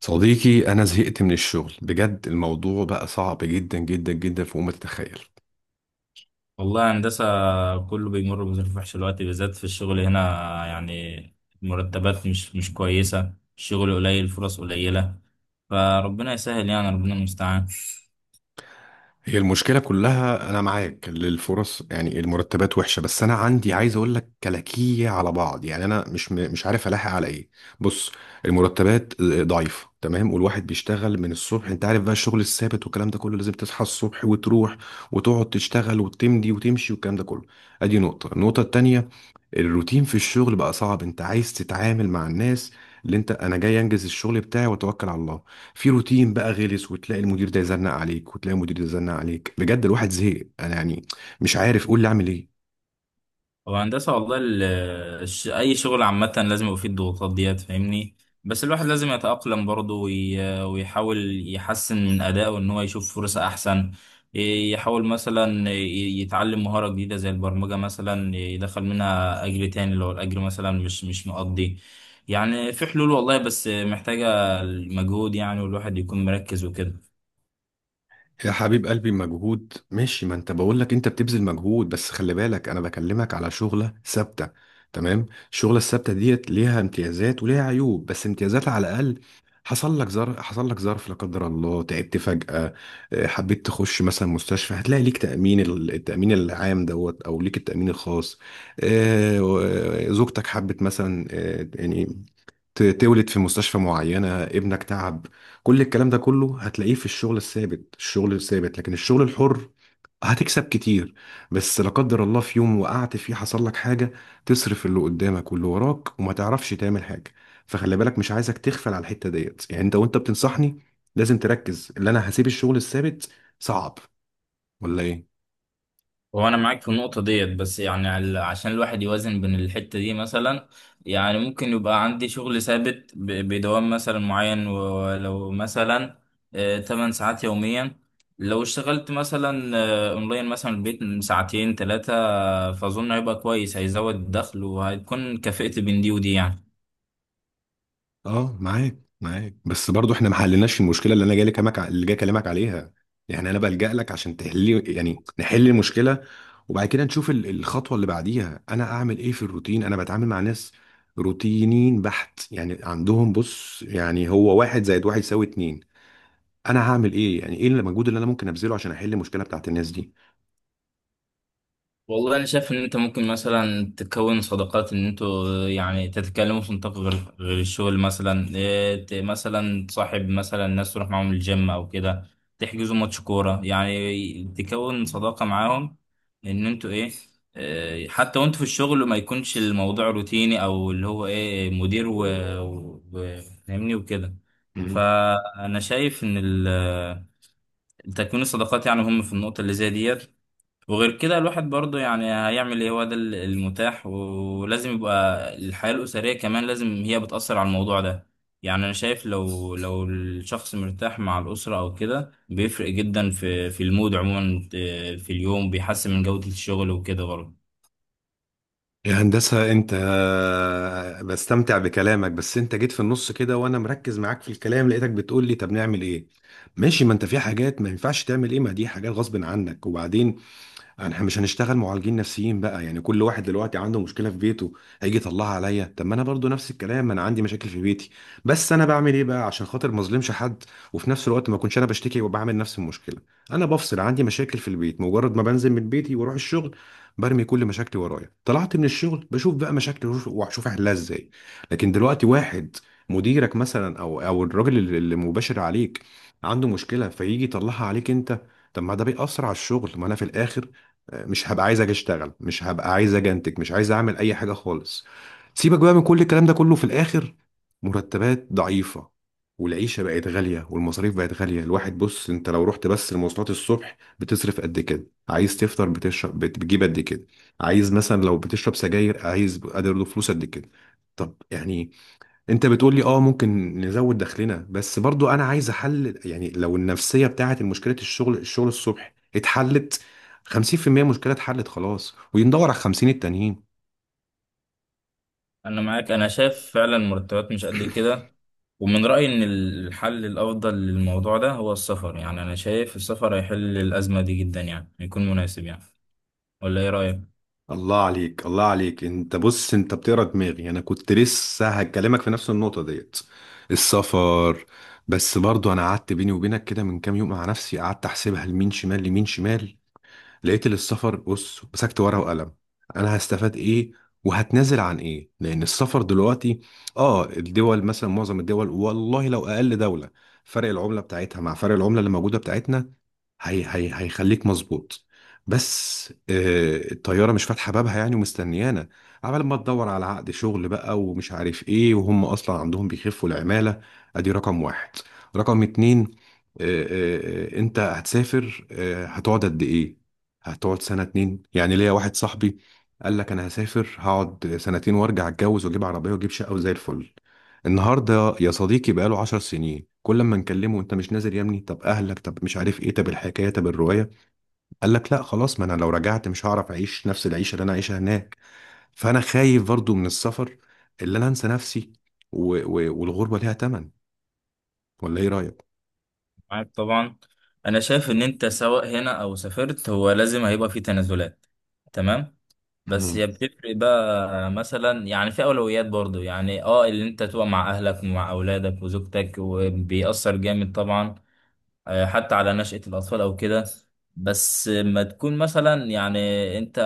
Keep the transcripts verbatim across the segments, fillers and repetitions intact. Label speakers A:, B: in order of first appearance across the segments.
A: صديقي أنا زهقت من الشغل بجد. الموضوع بقى صعب جدا جدا جدا فوق ما تتخيل.
B: والله هندسة، كله بيمر بظروف وحشة دلوقتي بالذات في الشغل هنا. يعني المرتبات مش مش كويسة، الشغل قليل، الفرص قليلة. فربنا يسهل، يعني ربنا المستعان.
A: هي المشكلة كلها، أنا معاك للفرص، يعني المرتبات وحشة، بس أنا عندي عايز أقول لك كلاكية على بعض، يعني أنا مش م- مش عارف ألاحق على إيه. بص، المرتبات ضعيفة تمام، والواحد بيشتغل من الصبح، أنت عارف بقى الشغل الثابت والكلام ده كله، لازم تصحى الصبح وتروح وتقعد تشتغل وتمدي وتمشي والكلام ده كله. أدي نقطة. النقطة التانية، الروتين في الشغل بقى صعب. انت عايز تتعامل مع الناس، اللي انت انا جاي انجز الشغل بتاعي واتوكل على الله، في روتين بقى غلس، وتلاقي المدير ده يزنق عليك وتلاقي المدير ده يزنق عليك، بجد الواحد زهق. انا يعني مش عارف، قول لي اعمل ايه.
B: هو هندسة والله، ال- الش- أي شغل عامة لازم يبقى فيه الضغوطات ديت، فاهمني؟ بس الواحد لازم يتأقلم برضه وي- ويحاول يحسن من أدائه إن هو يشوف فرصة أحسن. ي- يحاول مثلا ي- يتعلم مهارة جديدة زي البرمجة مثلا، يدخل منها أجر تاني لو الأجر مثلا مش مش مقضي. يعني في حلول والله، بس محتاجة المجهود يعني، والواحد يكون مركز وكده.
A: يا حبيب قلبي، مجهود ماشي، ما انت بقول لك انت بتبذل مجهود، بس خلي بالك انا بكلمك على شغلة ثابتة. تمام. الشغلة الثابتة ديت ليها امتيازات وليها عيوب، بس امتيازات على الاقل. حصل لك ظرف، حصل لك ظرف لا قدر الله، تعبت فجأة، اه، حبيت تخش مثلا مستشفى، هتلاقي ليك تأمين، ال- التأمين العام دوت، او ليك التأمين الخاص. اه، و- اه، زوجتك حبت مثلا، اه، يعني ت- تولد في مستشفى معينة، ابنك تعب. كل الكلام ده كله هتلاقيه في الشغل الثابت، الشغل الثابت. لكن الشغل الحر، هتكسب كتير، بس لا قدر الله في يوم وقعت فيه، حصل لك حاجة، تصرف اللي قدامك واللي وراك، وما تعرفش تعمل حاجة. فخلي بالك، مش عايزك تغفل على الحتة ديت، يعني انت وانت بتنصحني لازم تركز، اللي انا هسيب الشغل الثابت صعب ولا ايه؟
B: هو انا معاك في النقطه ديت، بس يعني عل- عشان الواحد يوازن بين الحته دي مثلا. يعني ممكن يبقى عندي شغل ثابت ب- بدوام مثلا معين، ولو مثلا آه، 8 ساعات يوميا. لو اشتغلت مثلا آه، اونلاين مثلا البيت من ساعتين ثلاثه، فاظن هيبقى كويس، هيزود الدخل، وهتكون كفئت بين دي ودي يعني.
A: اه معاك معاك، بس برضو احنا ما حلناش المشكله اللي انا جاي لك، اللي جاي اكلمك عليها. يعني انا بلجأ لك عشان تحلي، يعني نحل المشكله، وبعد كده نشوف ال- الخطوه اللي بعديها. انا اعمل ايه في الروتين؟ انا بتعامل مع ناس روتينيين بحت، يعني عندهم، بص يعني هو، واحد زائد واحد يساوي اتنين. انا هعمل ايه؟ يعني ايه المجهود اللي انا ممكن ابذله عشان احل المشكله بتاعت الناس دي؟
B: والله انا شايف ان انت ممكن مثلا تكون صداقات، ان انتوا يعني تتكلموا في نطاق غير غير الشغل، مثلا إيه، ت- مثلا تصاحب مثلا ناس تروح معاهم الجيم او كده، تحجزوا ماتش كوره، يعني تكون صداقه معاهم. ان انتوا ايه. إيه، حتى وانتوا في الشغل ما يكونش الموضوع روتيني، او اللي هو ايه مدير و و- و- فاهمني وكده. فانا شايف ان ال- تكوين الصداقات يعني هم في النقطه اللي زي ديت. وغير كده الواحد برضه يعني هيعمل ايه، هو ده ال- المتاح. ولازم يبقى الحياة الأسرية كمان، لازم هي بتأثر على الموضوع ده. يعني أنا شايف لو لو الشخص مرتاح مع الأسرة أو كده بيفرق جدا في في المود عموما آه، في اليوم، بيحسن من جودة الشغل وكده برضه.
A: يا هندسة، أنت بستمتع بكلامك، بس أنت جيت في النص كده وأنا مركز معاك في الكلام، لقيتك بتقول لي طب نعمل إيه؟ ماشي، ما أنت في حاجات ما ينفعش تعمل إيه، ما دي حاجات غصب عنك. وبعدين احنا مش هنشتغل معالجين نفسيين بقى، يعني كل واحد دلوقتي عنده مشكله في بيته، هيجي يطلعها عليا. طب ما انا برضو نفس الكلام، انا عندي مشاكل في بيتي، بس انا بعمل ايه بقى عشان خاطر ما اظلمش حد، وفي نفس الوقت ما اكونش انا بشتكي وبعمل نفس المشكله. انا بفصل، عندي مشاكل في البيت، مجرد ما بنزل من بيتي واروح الشغل برمي كل مشاكلي ورايا، طلعت من الشغل بشوف بقى مشاكلي وأشوف- واشوف احلها ازاي. لكن دلوقتي واحد، مديرك مثلا او او الراجل اللي اللي مباشر عليك، عنده مشكله فيجي يطلعها عليك انت، طب ما ده بيأثر على الشغل، ما انا في الاخر مش هبقى عايز اجي اشتغل، مش هبقى عايز اجي انتج، مش عايز اعمل اي حاجه خالص. سيبك بقى من كل الكلام ده كله، في الاخر مرتبات ضعيفه، والعيشه بقت غاليه والمصاريف بقت غاليه. الواحد بص، انت لو رحت بس المواصلات الصبح بتصرف قد كده، عايز تفطر، بتشرب، بت- بتجيب قد كده، عايز مثلا لو بتشرب سجاير عايز قادر له فلوس قد كده. طب يعني انت بتقول لي اه ممكن نزود دخلنا، بس برضو انا عايز احل، يعني لو النفسيه بتاعت مشكله الشغل الشغل الصبح اتحلت، خمسين في المية مشكله اتحلت خلاص، وندور على خمسين التانيين.
B: أنا معاك، أنا شايف فعلا مرتبات مش قد كده. ومن رأيي إن الحل الأفضل للموضوع ده هو السفر. يعني أنا شايف السفر هيحل الأزمة دي جدا، يعني يكون مناسب يعني. ولا إيه رأيك؟
A: الله عليك، الله عليك. انت بص، انت بتقرا دماغي، انا كنت لسه هكلمك في نفس النقطه ديت، السفر. بس برضو انا قعدت بيني وبينك كده من كام يوم مع نفسي، قعدت احسبها لمين شمال لمين شمال. لقيت إن السفر، بص مسكت ورقة وقلم، أنا هستفاد إيه وهتنازل عن إيه؟ لأن السفر دلوقتي، آه الدول مثلا، معظم الدول والله لو أقل دولة، فرق العملة بتاعتها مع فرق العملة اللي موجودة بتاعتنا هي هي، هيخليك مظبوط. بس آه الطيارة مش فاتحة بابها يعني ومستنيانا، عمال ما تدور على عقد شغل بقى ومش عارف إيه، وهم أصلا عندهم بيخفوا العمالة. أدي رقم واحد. رقم اتنين، آه، آه، آه، انت هتسافر، آه، هتقعد قد ايه؟ هتقعد سنة اتنين؟ يعني ليا واحد صاحبي قال لك انا هسافر هقعد سنتين وارجع اتجوز واجيب عربية واجيب شقة وزي الفل. النهاردة يا صديقي بقاله عشر سنين، كل ما نكلمه انت مش نازل يا ابني، طب اهلك، طب مش عارف ايه، طب الحكاية طب الرواية، قال لك لا خلاص، ما انا لو رجعت مش هعرف اعيش نفس العيشة اللي انا عايشها هناك. فانا خايف برضو من السفر، اللي انا انسى نفسي، و... و... والغربة ليها تمن، ولا ايه رأيك؟
B: معاك طبعا، انا شايف ان انت سواء هنا او سافرت هو لازم هيبقى في تنازلات. تمام. بس هي بتفرق بقى مثلا يعني، في اولويات برضو يعني اه اللي انت تبقى مع اهلك ومع اولادك وزوجتك، وبيأثر جامد طبعا. آه، حتى على نشأة الأطفال أو كده. بس ما تكون مثلا يعني أنت،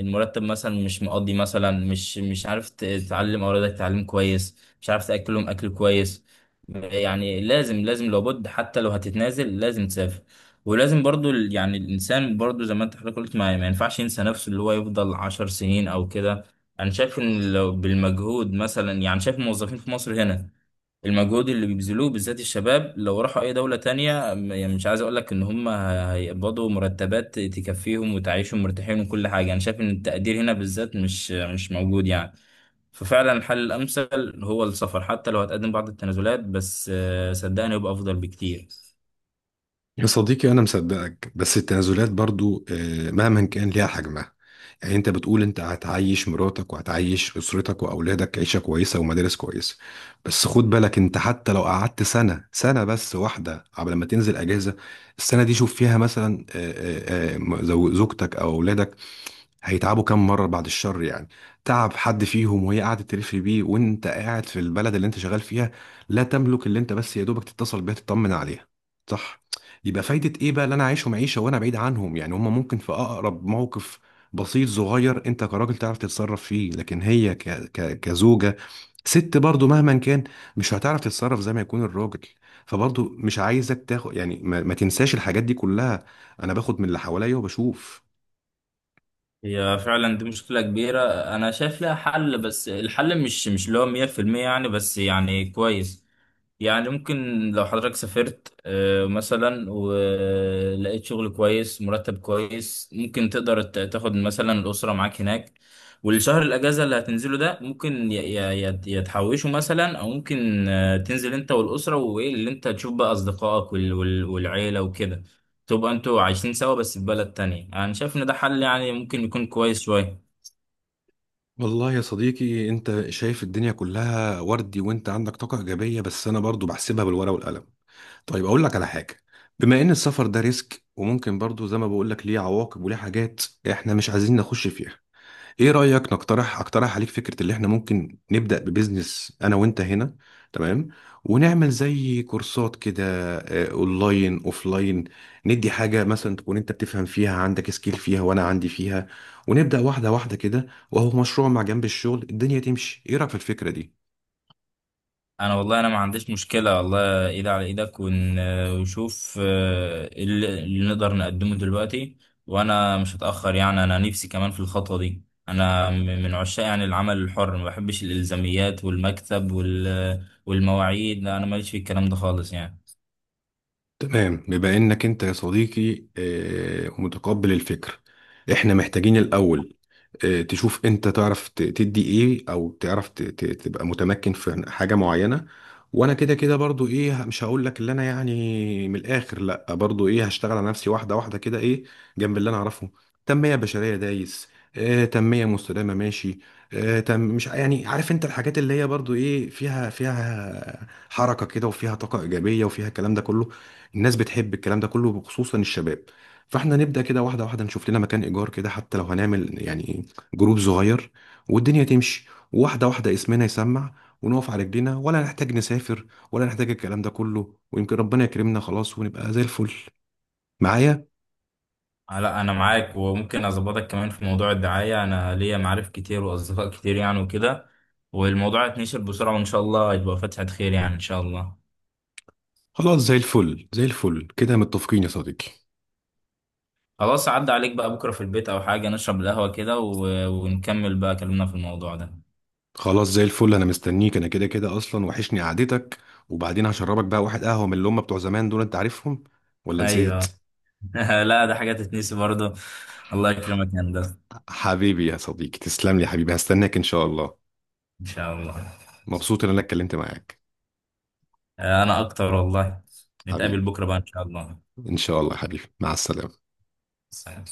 B: المرتب مثلا مش مقضي مثلا، مش مش عارف ت- تعلم أولادك تعليم كويس، مش عارف تأكلهم أكل كويس. يعني لازم لازم لابد، حتى لو هتتنازل لازم تسافر. ولازم برضو ال- يعني الإنسان برضو زي ما أنت حضرتك قلت، ما, ما ينفعش ينسى نفسه، اللي هو يفضل عشر سنين أو كده. أنا شايف إن لو بالمجهود مثلا، يعني شايف الموظفين في مصر هنا، المجهود اللي بيبذلوه بالذات الشباب لو راحوا اي دولة تانية م- يعني مش عايز اقول لك ان هم ه- هيقبضوا مرتبات تكفيهم وتعيشهم مرتاحين وكل حاجة. انا شايف ان التقدير هنا بالذات مش مش موجود يعني. ففعلا الحل الامثل هو السفر، حتى لو هتقدم بعض التنازلات، بس آه، صدقني يبقى افضل بكتير.
A: يا صديقي أنا مصدقك، بس التنازلات برضو آه، مهما كان ليها حجمها. يعني أنت بتقول أنت هتعيش مراتك وهتعيش أسرتك وأولادك عيشة كويسة ومدارس كويسة، بس خد بالك أنت حتى لو قعدت سنة، سنة بس واحدة قبل ما تنزل أجازة، السنة دي شوف فيها مثلا، آه، آه، آه، زو- زوجتك أو أولادك هيتعبوا كام مرة بعد الشر يعني. تعب حد فيهم وهي قاعدة تلف بيه وانت قاعد في البلد اللي انت شغال فيها، لا تملك اللي انت بس يا دوبك تتصل بيها تطمن عليها، صح؟ يبقى فايدة ايه بقى اللي انا عايشهم عيشة وانا بعيد عنهم؟ يعني هما ممكن في اقرب موقف بسيط صغير انت كراجل تعرف تتصرف فيه، لكن هي ك... ك... كزوجة، ست برضو مهما كان مش هتعرف تتصرف زي ما يكون الراجل. فبرضو مش عايزك تاخد يعني، ما, ما تنساش الحاجات دي كلها، انا باخد من اللي حواليا وبشوف.
B: هي فعلا دي مشكلة كبيرة. أنا شايف لها حل، بس الحل مش مش اللي هو مية في المية يعني، بس يعني كويس. يعني ممكن، لو حضرتك سافرت آه، مثلا ولقيت شغل كويس مرتب كويس، ممكن تقدر ت- تاخد مثلا الأسرة معاك هناك. والشهر الأجازة اللي هتنزله ده ممكن ي- ي- ي- يتحوشه مثلا، أو ممكن آه، تنزل أنت والأسرة، وإيه اللي أنت تشوف بقى أصدقائك وال- وال- والعيلة وكده. تبقى انتوا عايشين سوا بس في بلد تانية. انا شايف ان ده حل يعني، ممكن يكون كويس شوية.
A: والله يا صديقي انت شايف الدنيا كلها وردي وانت عندك طاقة ايجابية، بس انا برضو بحسبها بالورقة والقلم. طيب اقول لك على حاجة، بما ان السفر ده ريسك وممكن برضو زي ما بقول لك ليه عواقب وليه حاجات احنا مش عايزين نخش فيها، ايه رأيك نقترح، اقترح عليك فكرة اللي احنا ممكن نبدأ ببزنس انا وانت هنا. تمام؟ ونعمل زي كورسات كده، آه، اونلاين اوفلاين، ندي حاجة مثلا تكون انت بتفهم فيها عندك سكيل فيها وانا عندي فيها، ونبدأ واحدة واحدة كده، وهو مشروع مع جنب الشغل، الدنيا تمشي. ايه رأيك في الفكرة دي؟
B: انا والله انا ما عنديش مشكلة والله، ايد على ايدك ون- ونشوف آه، اللي اللي نقدر نقدمه دلوقتي. وانا مش هتأخر يعني، انا نفسي كمان في الخطوة دي. انا م- من عشاق يعني العمل الحر، ما بحبش الالزاميات والمكتب وال- والمواعيد. لا انا ماليش في الكلام ده خالص يعني.
A: تمام. بما انك انت يا صديقي آه، متقبل الفكر، احنا محتاجين الاول آه، تشوف انت تعرف ت- تدي ايه، او تعرف ت- ت- تبقى متمكن في حاجة معينة. وانا كده كده برضو ايه، مش هقول لك اللي انا يعني من الاخر، لا برضو ايه هشتغل على نفسي واحدة واحدة كده ايه، جنب اللي انا اعرفه. تنمية بشرية دايس، آه، تنمية مستدامة ماشي، آه، تم، مش يعني عارف انت الحاجات اللي هي برضو ايه فيها، فيها حركة كده وفيها طاقة ايجابية وفيها الكلام ده كله، الناس بتحب الكلام ده كله وخصوصا الشباب. فاحنا نبدأ كده واحدة واحدة، نشوف لنا مكان إيجار كده، حتى لو هنعمل يعني جروب صغير، والدنيا تمشي واحدة واحدة، اسمنا يسمع ونقف على رجلينا، ولا نحتاج نسافر ولا نحتاج الكلام ده كله، ويمكن ربنا يكرمنا خلاص ونبقى زي الفل. معايا؟
B: آه، لا انا معاك، وممكن اظبطك كمان في موضوع الدعاية، انا ليا معارف كتير واصدقاء كتير يعني وكده. والموضوع هيتنشر بسرعة، وان شاء الله هيبقى فتحة خير يعني ان شاء الله.
A: خلاص زي الفل، زي الفل كده، متفقين يا صديقي.
B: خلاص، عدى عليك بقى بكرة في البيت او حاجة، نشرب القهوة كده و... ونكمل بقى كلامنا في الموضوع ده.
A: خلاص زي الفل، انا مستنيك، انا كده كده اصلا وحشني قعدتك، وبعدين هشربك بقى واحد قهوة من اللي هم بتوع زمان دول، انت عارفهم ولا نسيت؟
B: ايوه. لا ده حاجة تتنسي برضه. الله يكرمك يا هندسة،
A: حبيبي يا صديقي، تسلم لي يا حبيبي، هستناك إن شاء الله.
B: ان شاء الله.
A: مبسوط إن أنا اتكلمت معاك.
B: آه، انا اكتر والله. نتقابل
A: حبيبي،
B: بكرة بقى ان شاء الله.
A: إن شاء الله يا حبيبي، مع السلامة.
B: سلام.